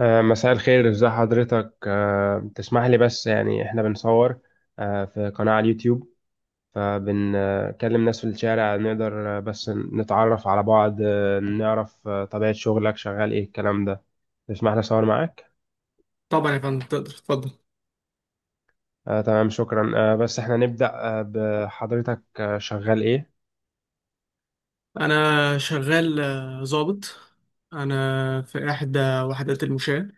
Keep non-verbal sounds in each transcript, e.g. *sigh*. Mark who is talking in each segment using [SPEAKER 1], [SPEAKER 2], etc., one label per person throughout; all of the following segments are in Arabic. [SPEAKER 1] مساء الخير، ازي حضرتك؟ تسمح لي، بس يعني احنا بنصور، في قناة على اليوتيوب، فبنكلم ناس في الشارع. نقدر بس نتعرف على بعض، نعرف طبيعة شغلك، شغال ايه الكلام ده؟ تسمح لي اصور معاك؟
[SPEAKER 2] طبعا يا فندم، تقدر تفضل.
[SPEAKER 1] تمام، شكرا. بس احنا نبدأ بحضرتك، شغال ايه؟
[SPEAKER 2] انا شغال ضابط. انا في احدى وحدات المشاة.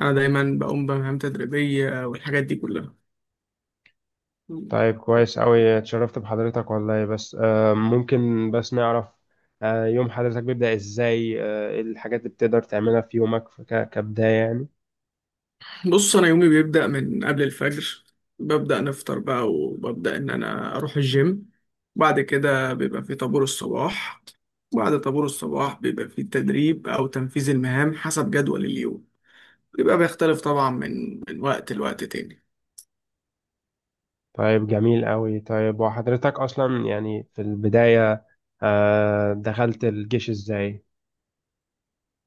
[SPEAKER 2] انا دايما بقوم بمهام تدريبية، والحاجات دي كلها.
[SPEAKER 1] طيب، كويس أوي، اتشرفت بحضرتك والله. بس ممكن بس نعرف يوم حضرتك بيبدأ ازاي؟ ايه الحاجات اللي بتقدر تعملها في يومك كبداية يعني؟
[SPEAKER 2] بص، انا يومي بيبدأ من قبل الفجر. ببدأ نفطر بقى، وببدأ ان انا اروح الجيم. بعد كده بيبقى في طابور الصباح. بعد طابور الصباح بيبقى في تدريب او تنفيذ المهام حسب جدول اليوم. بيبقى بيختلف طبعا من وقت لوقت تاني.
[SPEAKER 1] طيب، جميل قوي. طيب وحضرتك أصلا يعني في البداية، دخلت الجيش إزاي؟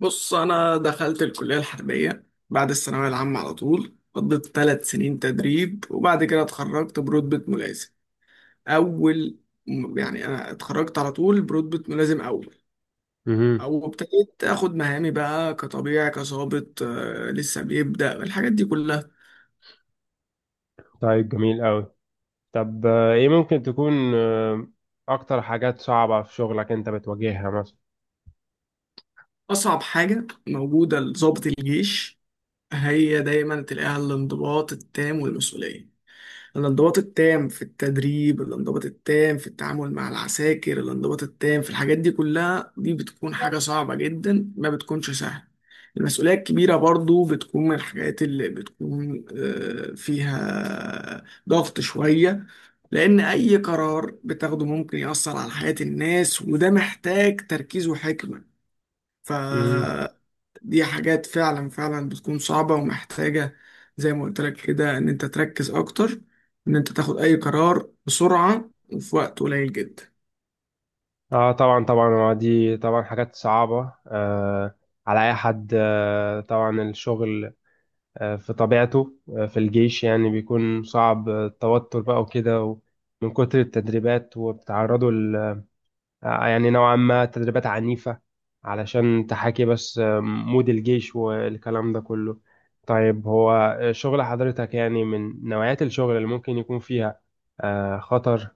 [SPEAKER 2] بص، أنا دخلت الكلية الحربية بعد الثانوية العامة على طول، قضيت 3 سنين تدريب، وبعد كده اتخرجت برتبة ملازم أول. يعني أنا اتخرجت على طول برتبة ملازم أول.
[SPEAKER 1] مهم.
[SPEAKER 2] أو ابتديت آخد مهامي بقى كطبيعي كظابط، لسه بيبدأ الحاجات دي كلها.
[SPEAKER 1] طيب، جميل قوي. طب إيه ممكن تكون أكتر حاجات صعبة في شغلك أنت بتواجهها مثلا؟
[SPEAKER 2] أصعب حاجة موجودة لظابط الجيش هي دايما تلاقيها الانضباط التام والمسؤولية. الانضباط التام في التدريب، الانضباط التام في التعامل مع العساكر، الانضباط التام في الحاجات دي كلها، دي بتكون حاجة صعبة جدا، ما بتكونش سهلة. المسؤولية الكبيرة برضو بتكون من الحاجات اللي بتكون فيها ضغط شوية. لأن أي قرار بتاخده ممكن يأثر على حياة الناس، وده محتاج تركيز وحكمة. ف
[SPEAKER 1] مهم.
[SPEAKER 2] دي حاجات فعلا فعلا بتكون صعبة ومحتاجة، زي ما قلت لك كده، ان انت تركز اكتر، ان انت تاخد اي قرار بسرعة وفي وقت قليل جدا.
[SPEAKER 1] اه طبعا، طبعا. هو دي طبعا حاجات صعبة على اي حد، آه طبعا. الشغل في طبيعته في الجيش يعني بيكون صعب، التوتر بقى وكده من كتر التدريبات، وبتعرضوا يعني نوعا ما تدريبات عنيفة علشان تحاكي بس مود الجيش والكلام ده كله. طيب، هو شغل حضرتك يعني من نوعيات الشغل اللي ممكن يكون فيها خطر؟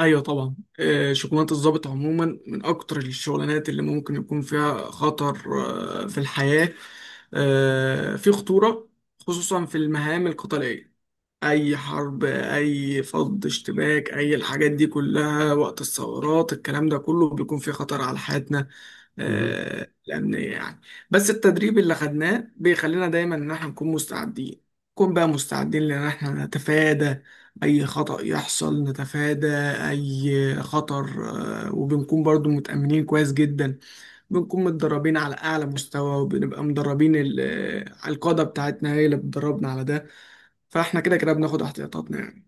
[SPEAKER 2] ايوه طبعا، شغلانة الضابط عموما من اكتر الشغلانات اللي ممكن يكون فيها خطر في الحياة، في خطورة، خصوصا في المهام القتالية. اي حرب، اي فض اشتباك، اي الحاجات دي كلها وقت الثورات، الكلام ده كله بيكون فيه خطر على حياتنا
[SPEAKER 1] مهم.
[SPEAKER 2] الامنيه يعني. بس التدريب اللي خدناه بيخلينا دايما ان احنا نكون مستعدين، نكون بقى مستعدين لان احنا نتفادى اي خطأ يحصل، نتفادى اي خطر. وبنكون برضو متأمنين كويس جدا، بنكون متدربين على اعلى مستوى، وبنبقى مدربين. القادة بتاعتنا هي اللي بتدربنا على ده، فاحنا كده كده بناخد احتياطاتنا يعني.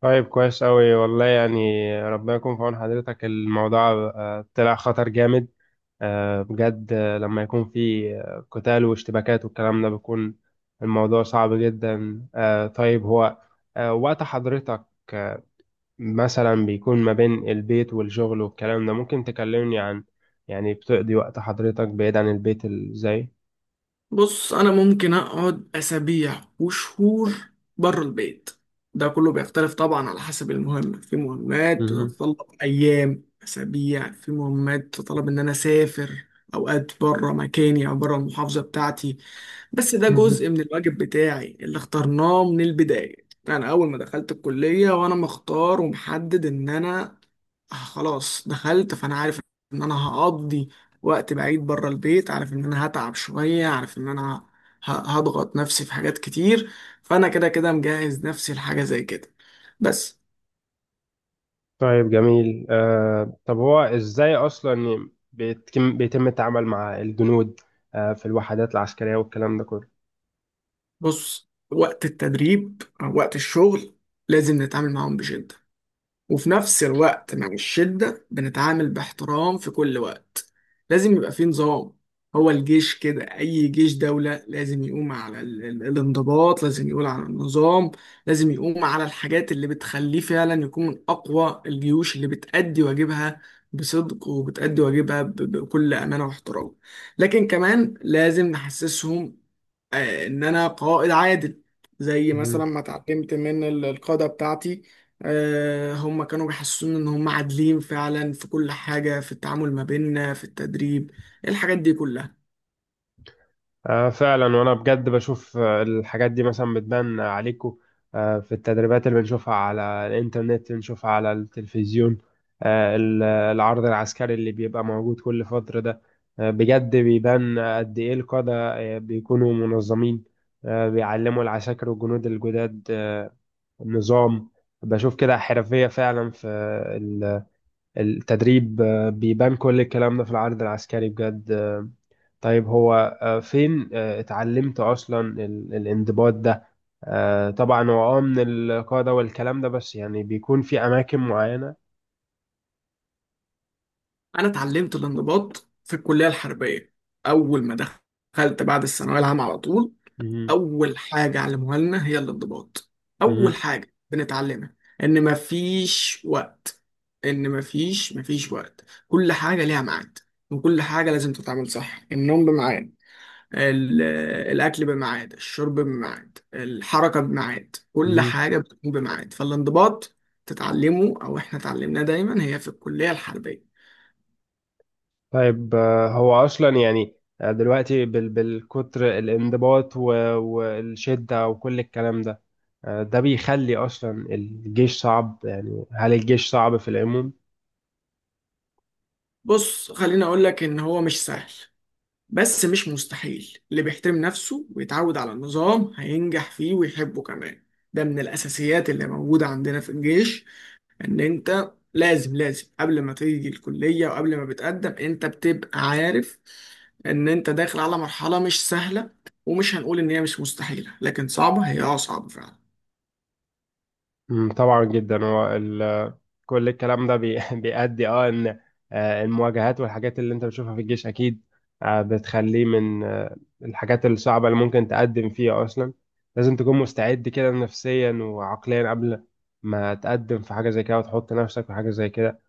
[SPEAKER 1] طيب، كويس أوي والله يعني. ربنا يكون في عون حضرتك. الموضوع طلع خطر جامد بجد. لما يكون في قتال واشتباكات والكلام ده، بيكون الموضوع صعب جدا. طيب، هو وقت حضرتك مثلا بيكون ما بين البيت والشغل والكلام ده، ممكن تكلمني عن، يعني، بتقضي وقت حضرتك بعيد عن البيت ازاي؟
[SPEAKER 2] بص، انا ممكن اقعد اسابيع وشهور بره البيت. ده كله بيختلف طبعا على حسب المهمة. في مهمات
[SPEAKER 1] مهم.
[SPEAKER 2] بتتطلب ايام، اسابيع، في مهمات تتطلب ان انا اسافر اوقات بره مكاني او بره المحافظة بتاعتي، بس ده
[SPEAKER 1] مهم.
[SPEAKER 2] جزء من الواجب بتاعي اللي اخترناه من البداية. يعني أول ما دخلت الكلية وأنا مختار ومحدد إن أنا خلاص دخلت، فأنا عارف إن أنا هقضي وقت بعيد بره البيت، عارف إن أنا هتعب شوية، عارف إن أنا ه- هضغط نفسي في حاجات كتير، فأنا كده كده مجهز نفسي لحاجة زي كده بس.
[SPEAKER 1] طيب، جميل. آه طب هو ازاي اصلا بيتم التعامل مع الجنود آه في الوحدات العسكرية والكلام ده كله؟
[SPEAKER 2] بص، وقت التدريب أو وقت الشغل لازم نتعامل معاهم بجد، وفي نفس الوقت مع الشدة بنتعامل باحترام في كل وقت. لازم يبقى فيه نظام. هو الجيش كده، أي جيش دولة لازم يقوم على الانضباط، لازم يقول على النظام، لازم يقوم على الحاجات اللي بتخليه فعلا يكون من أقوى الجيوش اللي بتأدي واجبها بصدق، وبتأدي واجبها بكل أمانة واحترام. لكن كمان لازم نحسسهم ان انا قائد عادل، زي مثلا ما اتعلمت من القادة بتاعتي. هم كانوا بيحسسوني ان هم عادلين فعلا في كل حاجة، في التعامل ما بيننا، في التدريب، الحاجات دي كلها.
[SPEAKER 1] آه فعلا. وانا بجد بشوف الحاجات دي مثلا بتبان عليكم آه في التدريبات اللي بنشوفها على الانترنت، بنشوفها على التلفزيون. آه العرض العسكري اللي بيبقى موجود كل فترة ده آه بجد بيبان قد ايه القادة آه بيكونوا منظمين، آه بيعلموا العساكر والجنود الجداد آه النظام. بشوف كده حرفية فعلا في ال- التدريب. آه بيبان كل الكلام ده في العرض العسكري بجد. طيب هو فين اتعلمت اصلا الانضباط ده؟ طبعا هو اه من القاعده والكلام ده، بس يعني بيكون في اماكن معينه.
[SPEAKER 2] انا اتعلمت الانضباط في الكلية الحربية، اول ما دخلت بعد الثانوية العامة على طول.
[SPEAKER 1] مهم.
[SPEAKER 2] اول حاجه علموها لنا هي الانضباط، اول
[SPEAKER 1] مهم.
[SPEAKER 2] حاجه بنتعلمها، ان مفيش وقت، ان مفيش وقت، كل حاجه ليها ميعاد، وكل حاجه لازم تتعمل صح. النوم بميعاد، ال- الاكل بميعاد، الشرب بميعاد، الحركه بميعاد، كل
[SPEAKER 1] مهم.
[SPEAKER 2] حاجه بتكون بميعاد. فالانضباط تتعلمه، او احنا اتعلمناه دايما هي في الكليه الحربيه.
[SPEAKER 1] طيب هو اصلا يعني دلوقتي بالكتر الانضباط والشده وكل الكلام ده، ده بيخلي اصلا الجيش صعب. يعني هل الجيش صعب في العموم؟
[SPEAKER 2] بص، خليني اقول لك ان هو مش سهل، بس مش مستحيل. اللي بيحترم نفسه ويتعود على النظام هينجح فيه ويحبه كمان. ده من الأساسيات اللي موجودة عندنا في الجيش، إن أنت لازم لازم قبل ما تيجي الكلية وقبل ما بتقدم أنت بتبقى عارف إن أنت داخل على مرحلة مش سهلة، ومش هنقول إن هي مش مستحيلة، لكن صعبة، هي أه صعبة فعلا.
[SPEAKER 1] مم، طبعا جدا. هو كل الكلام ده *laughs* بيؤدي اه ان المواجهات والحاجات اللي انت بتشوفها في الجيش اكيد بتخليه من الحاجات الصعبة اللي ممكن تقدم فيها اصلا. لازم تكون مستعد كده نفسيا وعقليا قبل ما تقدم في حاجة زي كده وتحط نفسك في حاجة زي كده.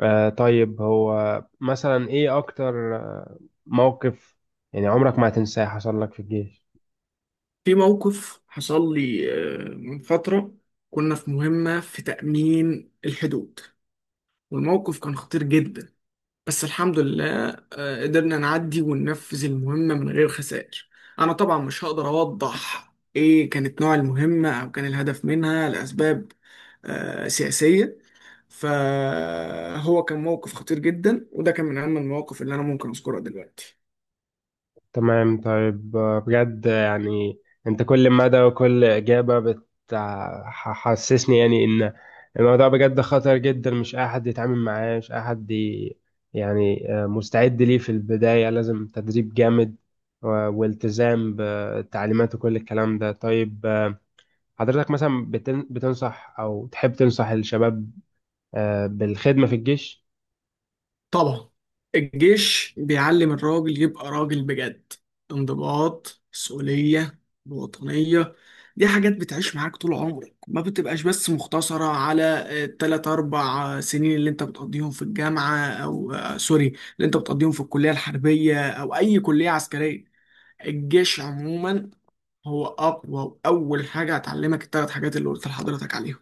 [SPEAKER 1] طيب، هو مثلا ايه اكتر موقف يعني عمرك ما هتنساه حصل لك في الجيش؟
[SPEAKER 2] في موقف حصل لي من فترة، كنا في مهمة في تأمين الحدود، والموقف كان خطير جدا، بس الحمد لله قدرنا نعدي وننفذ المهمة من غير خسائر. أنا طبعا مش هقدر أوضح إيه كانت نوع المهمة أو كان الهدف منها لأسباب سياسية. فهو كان موقف خطير جدا، وده كان من أهم المواقف اللي أنا ممكن أذكرها دلوقتي.
[SPEAKER 1] تمام. طيب بجد يعني، انت كل مدى وكل اجابه بتحسسني يعني ان الموضوع بجد خطر جدا، مش اي حد يتعامل معاه، مش اي حد يعني مستعد ليه. في البدايه لازم تدريب جامد والتزام بالتعليمات وكل الكلام ده. طيب حضرتك مثلا بتنصح او تحب تنصح الشباب بالخدمه في الجيش؟
[SPEAKER 2] طبعا، الجيش بيعلم الراجل يبقى راجل بجد. انضباط، مسؤولية، وطنية، دي حاجات بتعيش معاك طول عمرك، ما بتبقاش بس مختصرة على 3 4 سنين اللي أنت بتقضيهم في الجامعة، أو سوري، اللي أنت بتقضيهم في الكلية الحربية أو أي كلية عسكرية. الجيش عموما هو أقوى وأول حاجة هتعلمك 3 حاجات اللي قلت لحضرتك عليهم.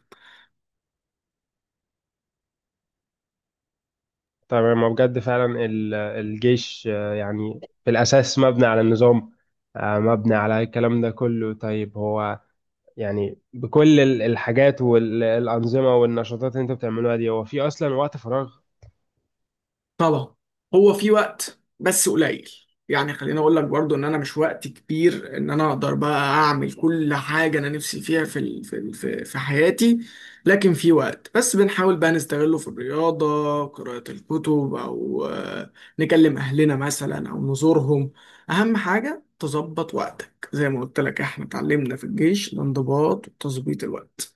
[SPEAKER 1] تمام. ما بجد فعلا الجيش يعني في الأساس مبني على النظام، مبني على الكلام ده كله. طيب هو يعني بكل الحاجات والأنظمة والنشاطات اللي انت بتعملوها دي، هو في أصلا وقت فراغ؟
[SPEAKER 2] طبعا، هو في وقت بس قليل، يعني خليني اقول لك برضو ان انا مش وقت كبير ان انا اقدر بقى اعمل كل حاجه انا نفسي فيها في حياتي، لكن في وقت بس بنحاول بقى نستغله في الرياضه، قراءه الكتب، او نكلم اهلنا مثلا او نزورهم. اهم حاجه تظبط وقتك، زي ما قلت لك احنا اتعلمنا في الجيش الانضباط وتظبيط الوقت.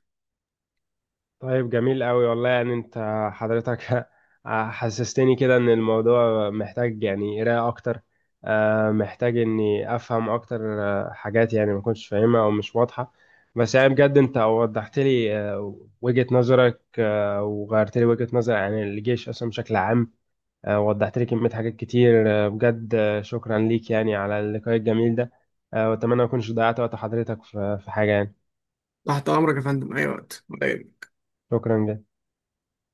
[SPEAKER 1] طيب، جميل قوي والله يعني. انت، حضرتك، *laughs* حسستني كده ان الموضوع محتاج يعني قراءة اكتر، محتاج اني افهم اكتر حاجات يعني ما كنتش فاهمها او مش واضحة. بس يعني بجد انت وضحت لي وجهة نظرك، وغيرت لي وجهة نظري عن الجيش اصلا بشكل عام. وضحت لي كمية حاجات كتير. بجد شكرا ليك يعني على اللقاء الجميل ده. واتمنى ما اكونش ضيعت وقت حضرتك في حاجة يعني.
[SPEAKER 2] تحت امرك يا فندم، اي وقت.
[SPEAKER 1] شكرا جدا.